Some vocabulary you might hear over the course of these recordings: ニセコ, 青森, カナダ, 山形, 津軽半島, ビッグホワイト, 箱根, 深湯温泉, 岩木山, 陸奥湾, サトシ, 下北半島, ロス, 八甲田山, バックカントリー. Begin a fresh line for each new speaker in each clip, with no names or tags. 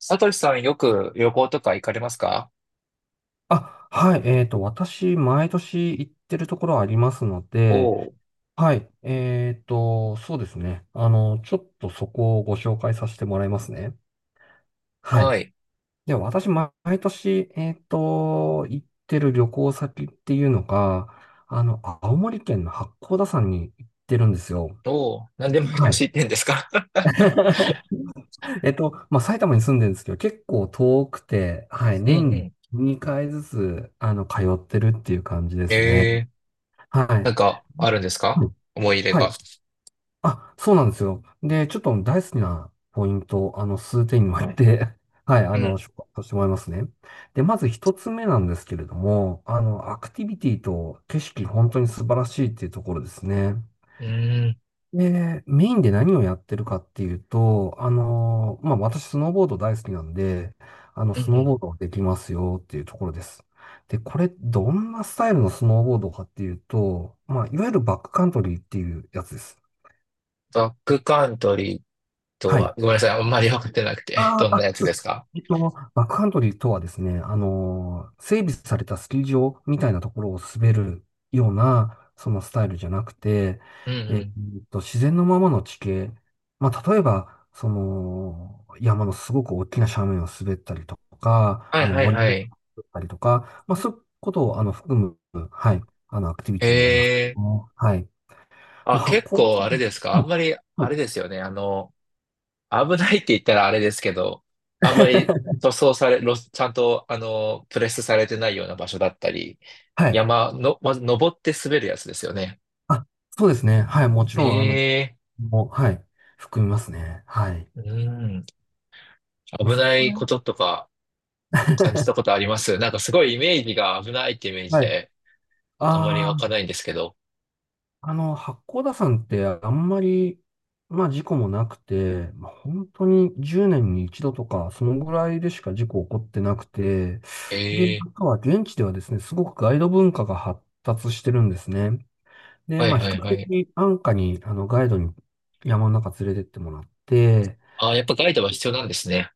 サトシさん、よく旅行とか行かれますか？
あ、はい。私、毎年行ってるところありますので、
おー、
はい。そうですね。ちょっとそこをご紹介させてもらいますね。は
は
い。
い。
では、私、毎年、行ってる旅行先っていうのが、青森県の八甲田山に行ってるんですよ。
おー、何でも
は
昔行
い。
ってんですか？
まあ、埼玉に住んでるんですけど、結構遠くて、はい。
うん
年
う
に
ん。
2回ずつ、通ってるっていう感じですね。
ええ、
は
な
い。
んかあるんです
う
か？
ん。
思い入れ
はい。
が。
あ、そうなんですよ。で、ちょっと大好きなポイントを、数点に分けて、はい、
うん。
紹介させてもらいますね。で、まず一つ目なんですけれども、アクティビティと景色、本当に素晴らしいっていうところですね。
うーん。
で、メインで何をやってるかっていうと、まあ、私、スノーボード大好きなんで、
うんう
スノー
ん。
ボードできますよっていうところです。で、これ、どんなスタイルのスノーボードかっていうと、まあ、いわゆるバックカントリーっていうやつです。
バックカントリーと
は
は、
い。
ごめんなさい。あんまり分かってなくて。どんなやつ
そう
で
で
す
す。
か？
バックカントリーとはですね、整備されたスキー場みたいなところを滑るような、そのスタイルじゃなくて、
うん
え
う
っ
ん。
自然のままの地形、まあ、例えば、その、山のすごく大きな斜面を滑ったりとか、
はいはい
森
は
を滑
い。
ったりとか、まあ、そういうことを、含む、はい、アクティビティになります
ええ、
ね。はい。ま
あ、
あ、発
結
酵です
構あ
か
れ
ね。
ですか？あんまり、
はい。
あ
は
れですよね。危ないって言ったらあれですけど、あんまり
い。
塗装され、ロスちゃんと、プレスされてないような場所だったり、
はい。
山の、まず登って滑るやつですよね。
あ、そうですね。はい。もちろん、
ええ、
もう、はい、含みますね。はい。
うん、危
まあ、そこ
ない
は。
こととか感じたこ とあります？なんかすごいイメージが、危ないってイメージ
はい。
で、あんまり
あ
湧かないんですけど。
あ、八甲田山ってあんまり、まあ事故もなくて、まあ、本当に10年に一度とか、そのぐらいでしか事故起こってなくて、で、
ええ、
あとは現地ではですね、すごくガイド文化が発達してるんですね。で、
は
ま
い
あ比
はい
較
はい。
的安価に、ガイドに山の中連れてってもらって、
ああ、やっぱガイドは必要なんですね。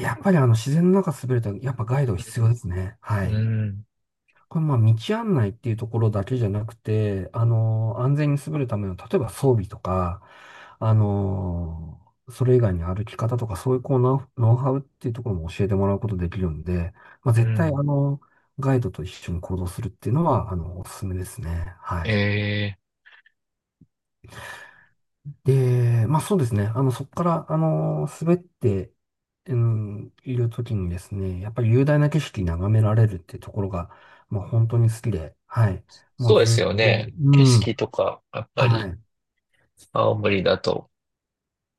やっぱり自然の中滑ると、やっぱガイド
う
必要で
ん、
すね。は
う
い。
ん、
これまあ道案内っていうところだけじゃなくて、安全に優れるための、例えば装備とか、あの、それ以外に歩き方とか、そういうこうノウハウっていうところも教えてもらうことできるんで、まあ
う
絶対
ん。
ガイドと一緒に行動するっていうのは、おすすめですね。はい。
ええ、
で、まあそうですね。そこから、滑って、うん、いるときにですね、やっぱり雄大な景色眺められるっていうところが、まあ本当に好きで、はい。も
そ
う
うで
ず
す
っ
よ
と、
ね。景
うん、
色とか、やっぱ
は
り、
い。
青森だと。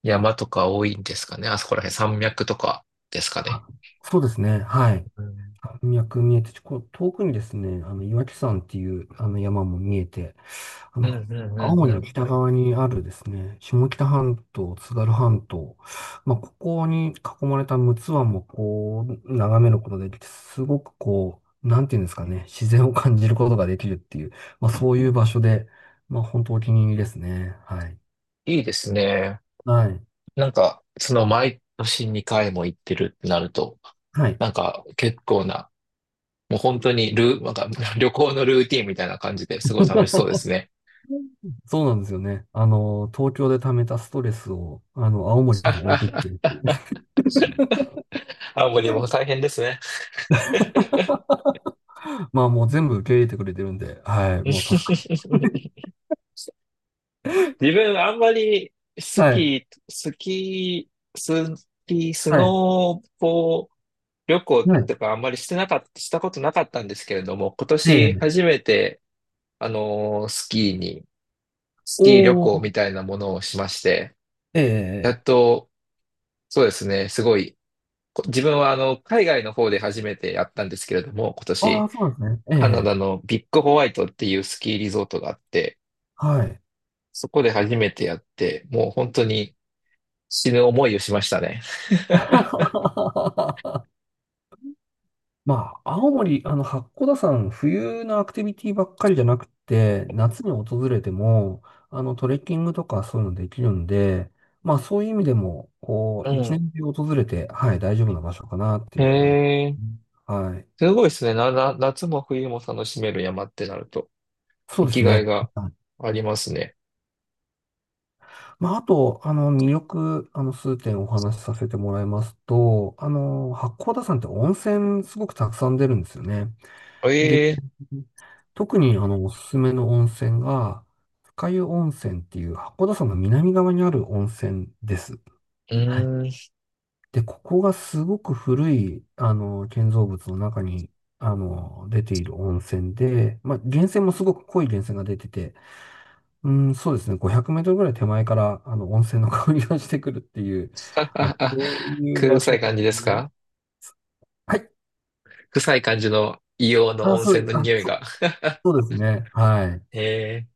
山とか多いんですかね。あそこら辺、山脈とかですかね。
あ、そうですね、はい。
うん
山脈見えて、こう遠くにですね、岩木山っていうあの山も見えて、あ
うんう
の、
ん
青
うんう
森の
ん。
北側にあるですね、下北半島、津軽半島、まあ、ここに囲まれた陸奥湾もこう、眺めることができて、すごくこう、なんていうんですかね、自然を感じることができるっていう、まあ、そういう場所で、まあ、本当お気に入りですね。はい。
いいですね。
はい。
なんか、その毎年2回も行ってるってなると、
はい。
なんか結構な、もう本当にルー、なんか 旅行のルーティンみたいな感じで、すごい楽しそうです ね。
そうなんですよね。東京で溜めたストレスを、青森に置いていて、
青森も大変ですね。
まあもう全部受け入れてくれてるんで、はい、もう助かる。
自分あんまりス
はい、
キー、ス
はい、
ノーボ、旅行
はい、
とかあんまりしてなかった、したことなかったんですけれども、今
え
年
え、
初めて、あのースキーに、スキー旅
お
行
ー、
みたいなものをしまして、
え
やっ
え、
と、そうですね、すごい、こ、自分はあの、海外の方で初めてやったんですけれども、今
あ
年、
あ、そうなんですね。
カナ
え
ダ
え、
のビッグホワイトっていうスキーリゾートがあって、
はい。
そこで初めてやって、もう本当に死ぬ思いをしましたね。
まあ、青森、八甲田山、冬のアクティビティばっかりじゃなくて、夏に訪れても、トレッキングとかそういうのできるんで、まあ、そういう意味でも、こ
う
う、一
ん。
年中訪れて、はい、大丈夫な場所かなって
へ
いうふうに思う。
え、
はい。
すごいですね。夏も冬も楽しめる山ってなると。
そう
生
で
き
す
がい
ね。
がありますね。
まあ、あと、魅力、数点お話しさせてもらいますと、八甲田山って温泉すごくたくさん出るんですよね。
え
で、
え、
特に、おすすめの温泉が、深湯温泉っていう八甲田山の南側にある温泉です。
う
はい。
ーん。
で、ここがすごく古い、建造物の中に、出ている温泉で、まあ、源泉もすごく濃い源泉が出てて、うん、そうですね。500メートルぐらい手前から、温泉の香りがしてくるっていう、まあ、そういう場
臭
所
い
で
感じです
すね。
か？
はい。
臭い感じの、硫黄の
あ、
温
そ
泉
う、
の
あ、
匂い
そう、
が。
そうですね。はい。
ええ、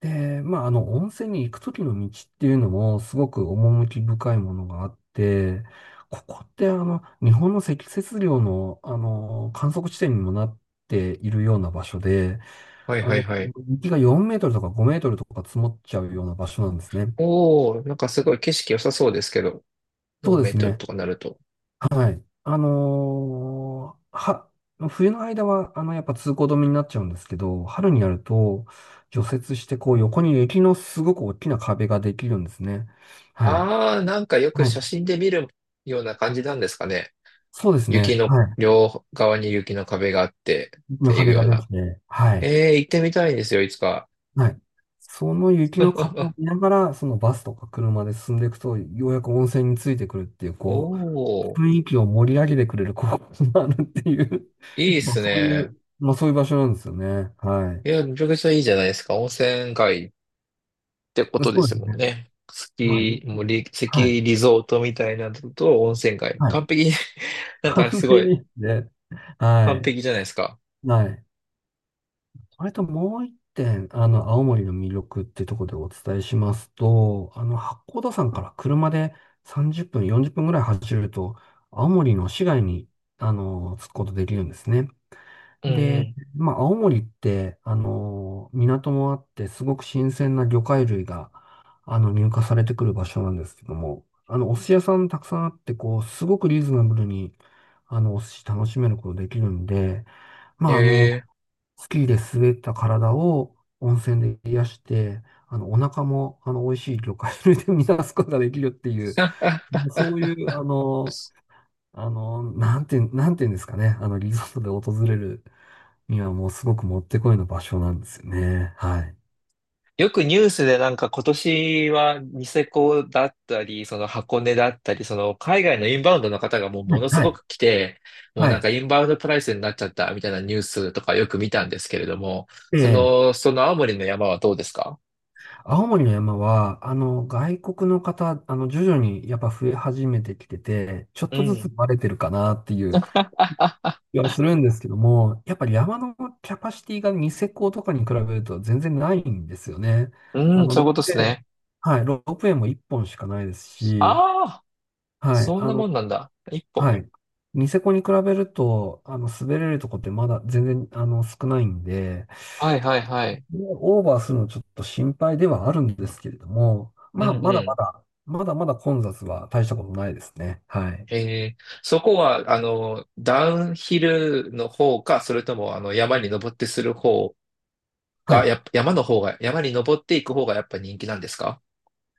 で、まあ、温泉に行くときの道っていうのも、すごく趣深いものがあって、ここって、日本の積雪量の、観測地点にもなっているような場所で、
はい
あ
はい
の、
はい。
雪が4メートルとか5メートルとか積もっちゃうような場所なんですね。
おー、なんかすごい景色良さそうですけど、
そう
4
で
メー
す
トル
ね。
とかなると。
はい。あのーは、冬の間は、やっぱ通行止めになっちゃうんですけど、春になると、除雪して、こう、横に雪のすごく大きな壁ができるんですね。はい。
あー、なんかよく
はい。
写真で見るような感じなんですかね。
そうです
雪
ね。
の、
はい。
両側に雪の壁があってっ
雪の
ていう
壁
よ
が
う
で
な。
きて、はい。
ええ、行ってみたいんですよ、いつか。
はい。その雪の壁を見 ながら、そのバスとか車で進んでいくと、ようやく温泉についてくるっていう、
お
こ
ー、
う、雰囲気を盛り上げてくれるこ告があ るっていう、
いいっ
まあ、
す
そういう、
ね。
まあ、そういう場所なんですよね。はい。
いや、めちゃくちゃいいじゃないですか。温泉街ってことで
そうで
す
す
もん
ね。
ね。ス
まあ、
キー、もうリ、ス
はい。
キーリゾートみたいなのと温泉街。
はい。
完璧に なん
完
かすご
璧
い、
ですね。は
完
い。
璧じゃないですか。
はい。それともう一点、青森の魅力ってところでお伝えしますと、八甲田山から車で30分、40分ぐらい走ると、青森の市街に、着くことできるんですね。
うんう
で、
ん。
まあ、青森って、港もあって、すごく新鮮な魚介類が、入荷されてくる場所なんですけども、お寿司屋さんたくさんあって、こう、すごくリーズナブルに、お寿司楽しめることできるんで、まあ、
ええ。
スキーで滑った体を温泉で癒して、お腹も、美味しい魚介類で満たすことができるっていう、
ああ、
そういう、なんていうんですかね、リゾートで訪れるにはもうすごくもってこいの場所なんですよね。はい。
よくニュースでなんか、今年はニセコだったり、その箱根だったり、その海外のインバウンドの方がもう
は
も
い、
のす
は
ご
い、
く来て、もう
は
なん
い。
かインバウンドプライスになっちゃったみたいな、ニュースとかよく見たんですけれども、
で、
その青森の山はどうですか？
青森の山は、外国の方、徐々にやっぱ増え始めてきてて、ちょっ
う
とずつ
ん。
バレてるかなっていう 気はするんですけども、やっぱり山のキャパシティがニセコとかに比べると全然ないんですよね。
う
あ
ーん、
の、
そう
ロ
い
ー
うこ
プウ
とです
ェイ、
ね。
はい、ロープウェイも1本しかないですし、
ああ、
はい、
そんなもんなんだ。一本。
はい。ニセコに比べると、滑れるとこってまだ全然、少ないんで、
はいはいはい。
でオーバーするのちょっと心配ではあるんですけれども、
う
まあ、
ん
ま
う
だま
ん。
だ、まだまだ混雑は大したことないですね。はい。
へえ、そこは、あの、ダウンヒルの方か、それとも、あの、山に登ってする方
は
が、
い。
やっぱ、山の方が、山に登っていく方がやっぱ人気なんですか？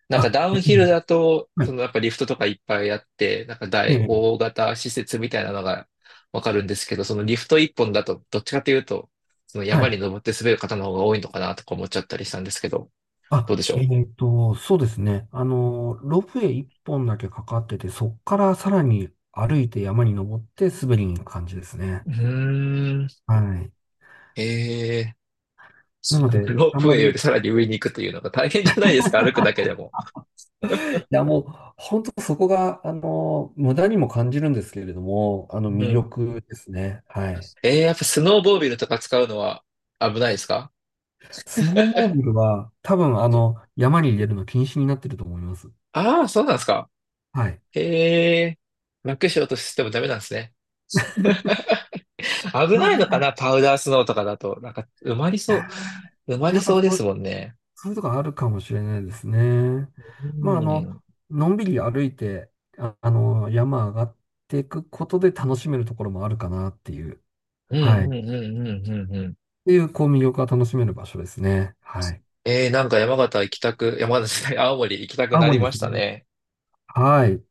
なんか
あ、
ダウ
や
ン
っ
ヒルだと、そのやっぱリフトとかいっぱいあって、なんか
ぱり。はい。ええ。
大型施設みたいなのがわかるんですけど、そのリフト一本だと、どっちかというと、その
は
山
い。
に登って滑る方の方が多いのかなとか思っちゃったりしたんですけど、ど
あ、
うでしょう？
そうですね。ロープウェイ1本だけかかってて、そっからさらに歩いて山に登って滑りに行く感じですね。
うーん。
はい。
ええ、
な
そ
の
の
で、
ロー
あん
プウ
ま
ェイより
り、
さらに上に行くというのが大変じゃないですか、歩くだけでも。
いや、もう、本当そこが、無駄にも感じるんですけれども、
う
魅
ん。
力ですね。はい。
ええ、やっぱスノーボービルとか使うのは危ないですか？
スノーモービルは、多分、山に入れるの禁止になってると思います。
ああー、そうなんですか。
はい。
ええ、楽しようとしてもダメなんですね。危
まあ、
ない
なん
のか
か、
な、パウダースノーとかだと。なんか、
いや
埋ま
ーや
り
っぱ
そうで
そ
す
う、
もんね。
そういうとこあるかもしれないですね。
う
まあ、
ん。
のんびり歩いて、あ、山上がっていくことで楽しめるところもあるかなっていう、
う
はい。
ん
っ
うんうんうんうんうん。
ていう、こう、魅力が楽しめる場所ですね。はい。
えー、なんか山形行きたく、山形じゃない、青森行きたく
青
なり
森で
まし
す
た
ね。
ね。
はい。